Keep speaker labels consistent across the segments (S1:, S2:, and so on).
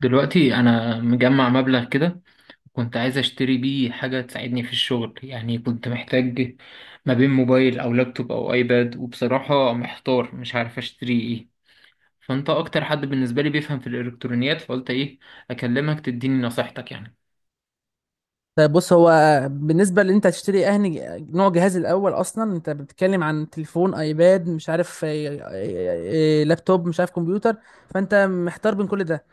S1: دلوقتي انا مجمع مبلغ كده. كنت عايز اشتري بيه حاجة تساعدني في الشغل، يعني كنت محتاج ما بين موبايل او لابتوب او ايباد، وبصراحة محتار مش عارف اشتري ايه. فانت اكتر حد بالنسبة لي بيفهم في الالكترونيات، فقلت ايه اكلمك تديني نصيحتك يعني.
S2: طيب، بص. هو بالنسبة اللي انت هتشتري اهني، نوع جهاز الاول اصلا. انت بتتكلم عن تليفون، ايباد، مش عارف لابتوب، مش عارف كمبيوتر. فانت محتار بين كل ده،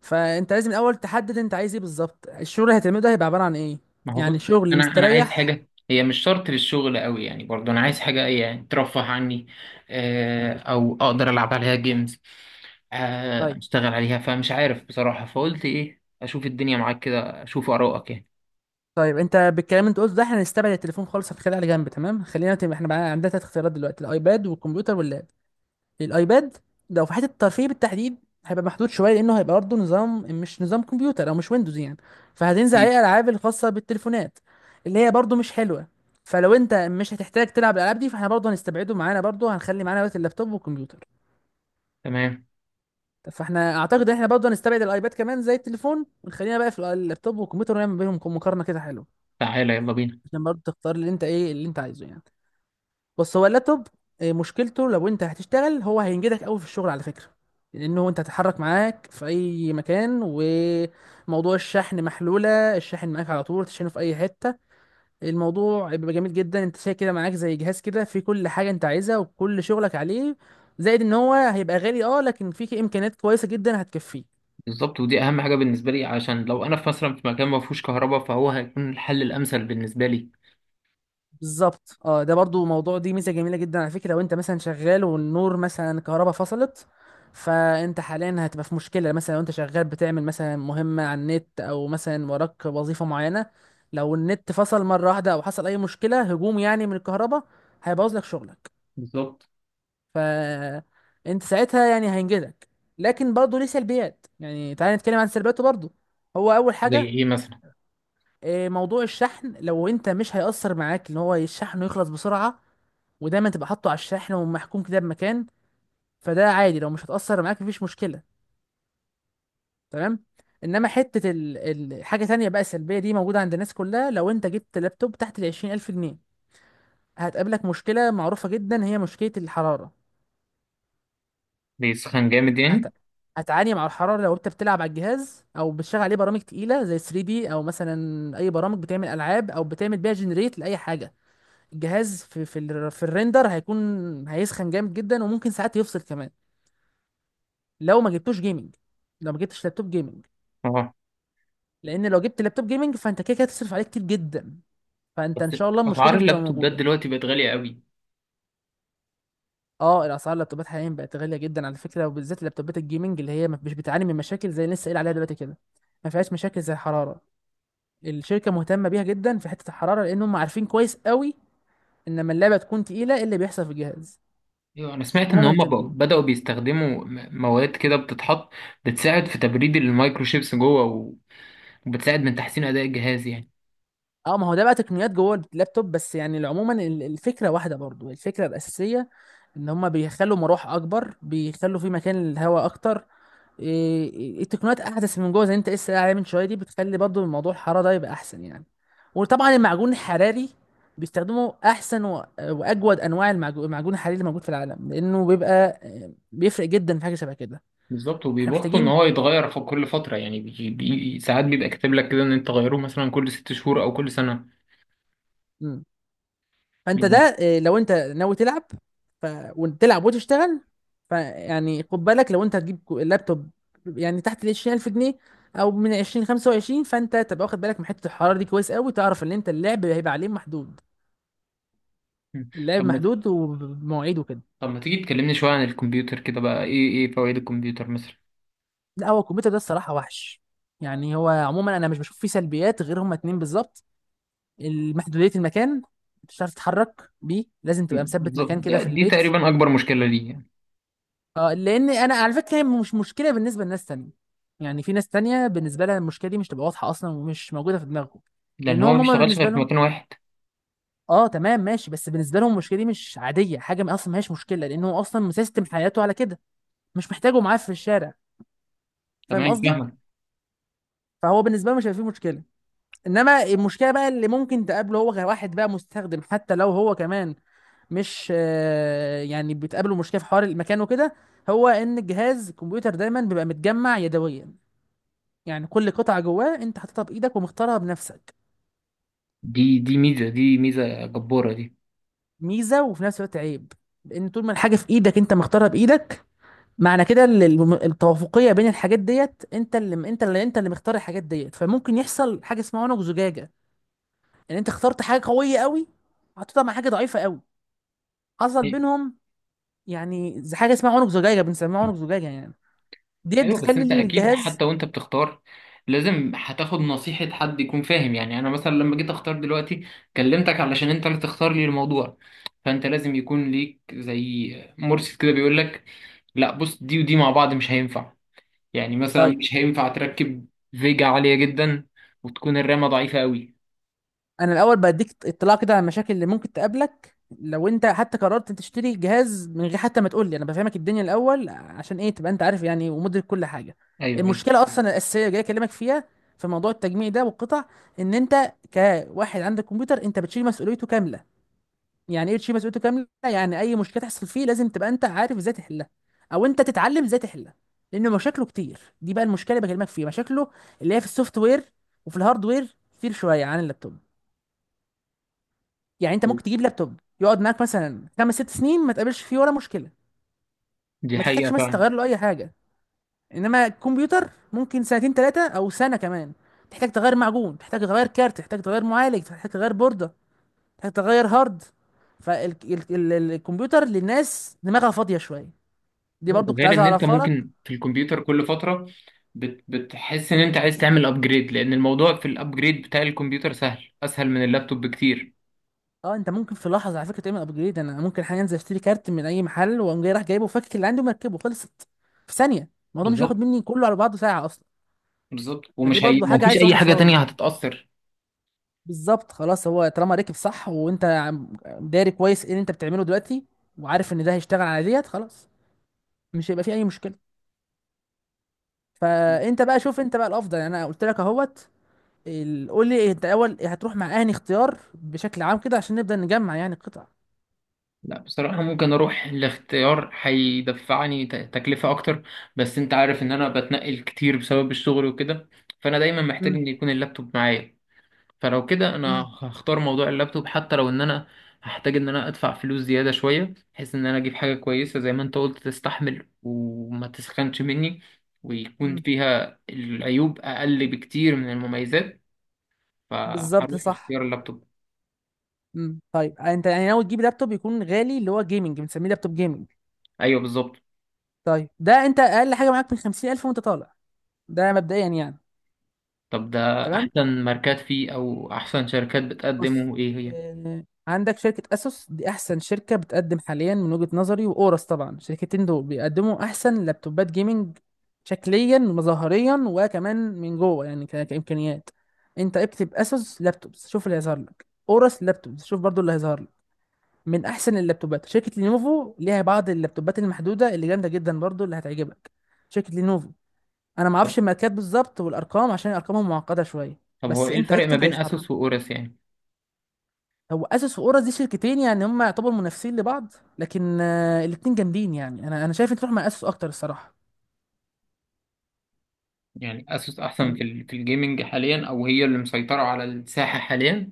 S2: فانت لازم الاول تحدد انت عايز ايه بالظبط. الشغل اللي هتعمله ده هيبقى عبارة عن ايه؟
S1: ما هو
S2: يعني
S1: بص،
S2: شغل
S1: انا عايز
S2: مستريح.
S1: حاجه هي مش شرط للشغل قوي، يعني برضو انا عايز حاجه يعني ترفه عني. آه، او اقدر العب عليها جيمز.
S2: طيب
S1: اشتغل عليها، فمش عارف بصراحه، فقلت ايه اشوف الدنيا معاك كده اشوف ارائك يعني.
S2: طيب انت بالكلام اللي انت قلته ده، احنا هنستبعد التليفون خالص، هنخليه على جنب. تمام، خلينا احنا بقى عندنا تلات اختيارات دلوقتي: الايباد والكمبيوتر واللاب. الايباد لو في حته الترفيه بالتحديد، هيبقى محدود شويه، لانه هيبقى برضه نظام مش نظام كمبيوتر، او مش ويندوز يعني. فهتنزل عليه
S1: أكيد.
S2: الالعاب الخاصه بالتليفونات، اللي هي برضه مش حلوه. فلو انت مش هتحتاج تلعب الالعاب دي، فاحنا برضه هنستبعده. معانا برضه هنخلي معانا بس اللابتوب والكمبيوتر.
S1: تمام.
S2: طب فاحنا اعتقد ان احنا برضه هنستبعد الايباد كمان زي التليفون، ونخلينا بقى في اللابتوب والكمبيوتر، ونعمل بينهم مقارنه كده حلوه،
S1: تعالى يلا بينا.
S2: عشان برضه تختار اللي انت، ايه اللي انت عايزه يعني. بص، هو اللابتوب، مشكلته لو انت هتشتغل، هو هينجدك قوي في الشغل على فكرة، لانه انت هتتحرك معاك في اي مكان، وموضوع الشحن محلولة. الشاحن معاك على طول، تشحنه في اي حتة. الموضوع بيبقى جميل جدا، انت شايل كده معاك زي جهاز كده فيه كل حاجة انت عايزها وكل شغلك عليه. زائد ان هو هيبقى غالي، اه، لكن فيه امكانيات كويسة جدا هتكفيه.
S1: بالظبط، ودي اهم حاجه بالنسبه لي، عشان لو انا في مثلا في مكان ما فيهوش كهرباء، فهو هيكون الحل الامثل بالنسبه لي.
S2: بالظبط، اه. ده برضو موضوع، دي ميزه جميله جدا على فكره. لو انت مثلا شغال، والنور، مثلا كهرباء فصلت، فانت حاليا هتبقى في مشكله. مثلا لو انت شغال بتعمل مثلا مهمه على النت، او مثلا وراك وظيفه معينه، لو النت فصل مره واحده، او حصل اي مشكله، هجوم يعني من الكهرباء، هيبوظ لك شغلك.
S1: بالظبط.
S2: فانت ساعتها يعني هينجزك. لكن برضو ليه سلبيات. يعني تعالى نتكلم عن سلبياته برضو. هو اول
S1: زي
S2: حاجه،
S1: ايه مثلا؟
S2: موضوع الشحن. لو انت مش هيأثر معاك ان هو الشحن يخلص بسرعة، ودايما تبقى حاطه على الشحن ومحكوم كده بمكان، فده عادي. لو مش هتأثر معاك، مفيش مشكلة. تمام. انما حتة حاجة تانية بقى سلبية، دي موجودة عند الناس كلها. لو انت جبت لابتوب تحت 20,000 جنيه، هتقابلك مشكلة معروفة جدا، هي مشكلة الحرارة.
S1: بيسخن جامد
S2: هت... هت...
S1: يعني؟
S2: هتعاني مع الحرارة لو انت بتلعب على الجهاز، او بتشغل عليه برامج تقيلة زي 3D دي، او مثلا اي برامج بتعمل العاب، او بتعمل بيها جنريت لأي حاجة. الجهاز في الريندر هيكون، هيسخن جامد جدا، وممكن ساعات يفصل كمان. لو ما جبتوش جيمنج، لو ما جبتش لابتوب جيمنج.
S1: اه.
S2: لان لو جبت لابتوب جيمنج، فانت كده كده هتصرف عليه كتير جدا، فانت ان
S1: بس
S2: شاء الله المشكله دي
S1: اسعار
S2: مش تبقى
S1: اللابتوبات
S2: موجوده.
S1: دلوقتي بقت غاليه قوي.
S2: اه، الاسعار، اللابتوبات حاليا بقت غاليه جدا على فكره، وبالذات اللابتوبات الجيمنج، اللي هي مش بتعاني من مشاكل زي اللي لسه قايل عليها دلوقتي كده. ما فيهاش مشاكل زي الحراره. الشركه مهتمه بيها جدا في حته الحراره، لان هم عارفين كويس قوي ان لما اللعبه تكون تقيله، ايه اللي بيحصل في الجهاز.
S1: ايوه انا سمعت
S2: هم
S1: ان هم
S2: مهتمين.
S1: بدأوا بيستخدموا مواد كده بتتحط بتساعد في تبريد المايكروشيبس جوه وبتساعد من تحسين اداء الجهاز يعني.
S2: اه، ما هو ده بقى تقنيات جوه اللابتوب بس، يعني عموما الفكره واحده، برضو الفكره الاساسيه ان هما بيخلوا مراوح اكبر، بيخلوا في مكان للهواء اكتر. إيه- إيه، التقنيات احدث من جوه زي انت لسه قايل عليه من شويه، دي بتخلي برضو الموضوع، الحراره ده يبقى احسن يعني. وطبعا المعجون الحراري، بيستخدموا احسن واجود انواع المعجون الحراري اللي موجود في العالم، لانه بيبقى، بيفرق جدا في حاجه شبه كده.
S1: بالظبط،
S2: احنا
S1: وبيبطلوا ان
S2: محتاجين،
S1: هو يتغير في كل فتره، يعني بي بي ساعات بيبقى كاتب لك كده ان انت تغيره مثلا كل 6 شهور او كل سنه
S2: فانت ده
S1: يعني.
S2: لو انت ناوي تلعب، ف... وتلعب وتشتغل، فيعني خد بالك لو انت هتجيب اللابتوب يعني تحت ال 20,000 جنيه، او من 20 25، فانت تبقى واخد بالك من حته الحراره دي كويس قوي، تعرف ان انت اللعب هيبقى عليه محدود.
S1: مم.
S2: اللعب
S1: طب ما
S2: محدود ومواعيد وكده.
S1: طب ما تيجي تكلمني شويه عن الكمبيوتر كده، بقى ايه فوائد الكمبيوتر مثلا؟
S2: لا، هو الكمبيوتر ده الصراحه وحش، يعني هو عموما انا مش بشوف فيه سلبيات غير هما اتنين بالظبط: محدوديه المكان، مش هتعرف تتحرك بيه، لازم تبقى مثبت
S1: بالظبط،
S2: مكان كده في
S1: يعني دي
S2: البيت.
S1: تقريبا اكبر مشكله ليه يعني.
S2: اه، لان انا على فكره، هي مش مشكله بالنسبه لناس تانية. يعني في ناس تانية بالنسبه لها المشكله دي مش تبقى واضحه اصلا، ومش موجوده في دماغهم،
S1: لان
S2: لان
S1: هو ما
S2: هم، هما
S1: بيشتغلش
S2: بالنسبه
S1: غير في
S2: لهم،
S1: مكان واحد.
S2: اه تمام ماشي، بس بالنسبه لهم المشكله دي مش، عاديه حاجه، ما اصلا ما هيش مشكله، لان هو اصلا مسيستم حياته على كده. مش محتاجه معاه في الشارع. فاهم
S1: تمام،
S2: قصدي؟
S1: فاهمك.
S2: فهو بالنسبه له مش هيبقى فيه مشكله. انما المشكله بقى اللي ممكن تقابله، هو كواحد بقى مستخدم حتى لو هو كمان مش يعني بتقابله مشكله في حوار المكان وكده، هو ان الجهاز الكمبيوتر دايما بيبقى متجمع يدويا. يعني كل قطعة جواه انت حاططها بايدك ومختارها بنفسك.
S1: دي ميزه، دي ميزه جباره دي.
S2: ميزة وفي نفس الوقت عيب. لان طول ما الحاجة في ايدك انت مختارها بايدك، معنى كده التوافقية بين الحاجات ديت، انت اللي مختار الحاجات ديت، فممكن يحصل حاجة اسمها عنق زجاجة. ان انت اخترت حاجة قوية قوي، حطيتها مع حاجة ضعيفة قوي، حصل
S1: أيوة.
S2: بينهم، يعني زي حاجة اسمها عنق زجاجة، بنسميها عنق زجاجة يعني، ديت
S1: ايوه بس
S2: بتخلي
S1: انت اكيد
S2: الجهاز.
S1: حتى وانت بتختار لازم هتاخد نصيحة حد يكون فاهم، يعني انا مثلا لما جيت اختار دلوقتي كلمتك علشان انت اللي تختار لي الموضوع. فانت لازم يكون ليك زي مرشد كده بيقول لك لا بص دي ودي مع بعض مش هينفع. يعني مثلا
S2: طيب،
S1: مش هينفع تركب فيجا عالية جدا وتكون الرامة ضعيفة قوي.
S2: انا الاول بديك اطلاع كده على المشاكل اللي ممكن تقابلك لو انت حتى قررت تشتري جهاز، من غير حتى ما تقول لي انا بفهمك الدنيا الاول، عشان ايه تبقى انت عارف يعني، ومدرك كل حاجه.
S1: ايوه، ايوه.
S2: المشكله اصلا الاساسيه جاي اكلمك فيها في موضوع التجميع ده والقطع. ان انت كواحد عندك كمبيوتر، انت بتشيل مسؤوليته كامله. يعني ايه تشيل مسؤوليته كامله؟ يعني اي مشكله تحصل فيه لازم تبقى انت عارف ازاي تحلها، او انت تتعلم ازاي تحلها. لان مشاكله كتير. دي بقى المشكله اللي بكلمك فيها، مشاكله اللي هي في السوفت وير وفي الهارد وير، كتير شويه عن اللابتوب. يعني انت ممكن تجيب لابتوب يقعد معاك مثلا 5 6 سنين ما تقابلش فيه ولا مشكله،
S1: دي
S2: ما
S1: حقيقة
S2: تحتاجش مثلا تغير
S1: فعلا.
S2: له اي حاجه. انما الكمبيوتر ممكن 2 3 او سنة كمان، تحتاج تغير معجون، تحتاج تغير كارت، تحتاج تغير معالج، تحتاج تغير بورده، تحتاج تغير هارد. فالكمبيوتر للناس دماغها فاضيه شويه. دي برضو كنت
S1: غير
S2: عايز
S1: ان انت
S2: اعرفها لك.
S1: ممكن في الكمبيوتر كل فتره بتحس ان انت عايز تعمل ابجريد، لان الموضوع في الابجريد بتاع الكمبيوتر سهل اسهل من اللابتوب بكتير.
S2: اه، انت ممكن في لحظه على فكره تعمل ابجريد. انا ممكن حاليا انزل اشتري كارت من اي محل، واقوم جاي رايح جايبه، وفكك اللي عندي ومركبه، خلصت في ثانيه. الموضوع مش هياخد
S1: بالظبط،
S2: مني كله على بعضه ساعه اصلا.
S1: بالظبط،
S2: فدي
S1: ومش
S2: برضو
S1: ما
S2: حاجه
S1: فيش
S2: عايزه
S1: اي
S2: واحد
S1: حاجه تانية
S2: فاضي.
S1: هتتاثر.
S2: بالظبط، خلاص، هو طالما ركب صح، وانت داري كويس ايه اللي انت بتعمله دلوقتي، وعارف ان ده هيشتغل على ديت، خلاص، مش هيبقى فيه اي مشكله. فانت بقى شوف انت بقى الافضل يعني. انا قلت لك اهوت. قول لي انت اول هتروح مع اهني اختيار بشكل عام كده، عشان نبدا نجمع يعني قطع.
S1: لا بصراحه ممكن اروح لاختيار هيدفعني تكلفه اكتر، بس انت عارف ان انا بتنقل كتير بسبب الشغل وكده، فانا دايما محتاج
S2: مم.
S1: ان يكون اللابتوب معايا. فلو كده انا
S2: مم.
S1: هختار موضوع اللابتوب، حتى لو ان انا هحتاج ان انا ادفع فلوس زيادة شوية، بحيث ان انا اجيب حاجة كويسة زي ما انت قلت تستحمل وما تسخنش مني ويكون
S2: مم.
S1: فيها العيوب اقل بكتير من المميزات.
S2: بالظبط،
S1: فهروح
S2: صح.
S1: لاختيار اللابتوب.
S2: امم، طيب انت يعني ناوي تجيب لابتوب يكون غالي اللي هو جيمنج، بنسميه لابتوب جيمنج.
S1: ايوه بالظبط.
S2: طيب ده انت اقل حاجه معاك من 50,000 وانت طالع. ده مبدئيا يعني.
S1: طب ده
S2: تمام.
S1: احسن ماركات فيه او احسن شركات
S2: بص،
S1: بتقدمه ايه هي؟
S2: عندك شركة أسوس، دي أحسن شركة بتقدم حاليا من وجهة نظري، وأورس طبعا. الشركتين دول بيقدموا أحسن لابتوبات جيمنج، شكليا ومظاهريا، وكمان من جوه يعني كإمكانيات. أنت اكتب أسوس لابتوبس، شوف اللي هيظهر لك، أورس لابتوبس، شوف برضو اللي هيظهر لك. من أحسن اللابتوبات شركة لينوفو، ليها بعض اللابتوبات المحدودة اللي جامدة جدا برضو اللي هتعجبك، شركة لينوفو. أنا
S1: طب
S2: معرفش الماركات بالظبط والأرقام، عشان أرقامهم معقدة شوية.
S1: طب هو
S2: بس
S1: ايه
S2: أنت
S1: الفرق ما
S2: اكتب
S1: بين
S2: هيظهر.
S1: اسوس واورس يعني؟
S2: هو اسس واورا دي شركتين، يعني هم يعتبروا منافسين لبعض، لكن الاتنين جامدين يعني. انا شايف انت تروح مع اسس اكتر الصراحه
S1: يعني اسوس احسن في
S2: يعني.
S1: في الجيمنج حاليا، او هي اللي مسيطرة على الساحة حاليا؟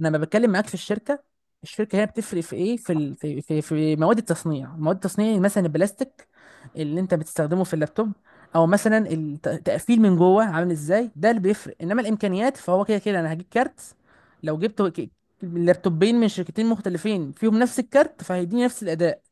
S2: أنا لما بتكلم معاك في الشركه، الشركه هي بتفرق في ايه؟ في ال... في في في مواد التصنيع. مواد التصنيع مثلا البلاستيك اللي انت بتستخدمه في اللابتوب، او مثلا التقفيل من جوه عامل ازاي، ده اللي بيفرق. انما الامكانيات فهو كده كده، انا هجيب كارت، لو جبت لابتوبين من شركتين مختلفين، فيهم نفس الكارت، فهيديني نفس الاداء.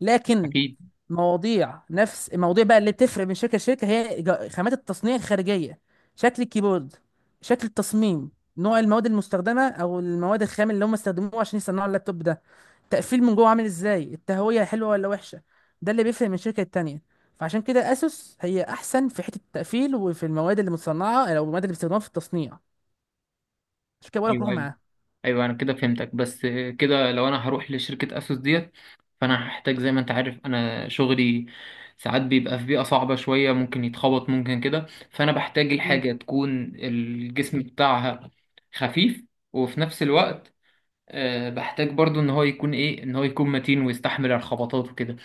S2: لكن
S1: اكيد.
S2: مواضيع، نفس المواضيع بقى اللي بتفرق من شركة لشركة، هي خامات التصنيع الخارجية، شكل الكيبورد، شكل التصميم، نوع المواد المستخدمة، أو المواد الخام اللي هم استخدموها عشان يصنعوا اللابتوب ده، تقفيل من جوه عامل إزاي، التهوية حلوة ولا وحشة. ده اللي بيفرق من شركة التانية. فعشان كده أسوس هي أحسن في حتة التقفيل، وفي المواد اللي متصنعة، أو المواد اللي بيستخدموها في التصنيع. عشان كده بقولك روح
S1: ايوه، ايوه،
S2: معاها.
S1: ايوه، انا كده فهمتك. بس كده لو انا هروح لشركه اسوس ديت، فانا هحتاج زي ما انت عارف انا شغلي ساعات بيبقى في بيئه صعبه شويه، ممكن يتخبط ممكن كده، فانا بحتاج
S2: مم.
S1: الحاجه تكون الجسم بتاعها خفيف، وفي نفس الوقت بحتاج برضو ان هو يكون متين ويستحمل الخبطات وكده.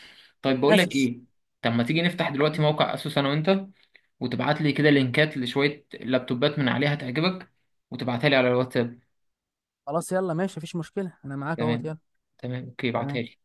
S1: طيب بقول لك
S2: أسوس.
S1: ايه؟ طب ما تيجي نفتح دلوقتي
S2: مم.
S1: موقع اسوس انا وانت وتبعت لي كده لينكات لشويه لابتوبات من عليها تعجبك، وتبعتها لي على الواتساب.
S2: خلاص، يلا ماشي، مفيش مشكلة. أنا معاك أهوت،
S1: تمام.
S2: يلا.
S1: تمام اوكي، ابعتها
S2: تمام.
S1: لي.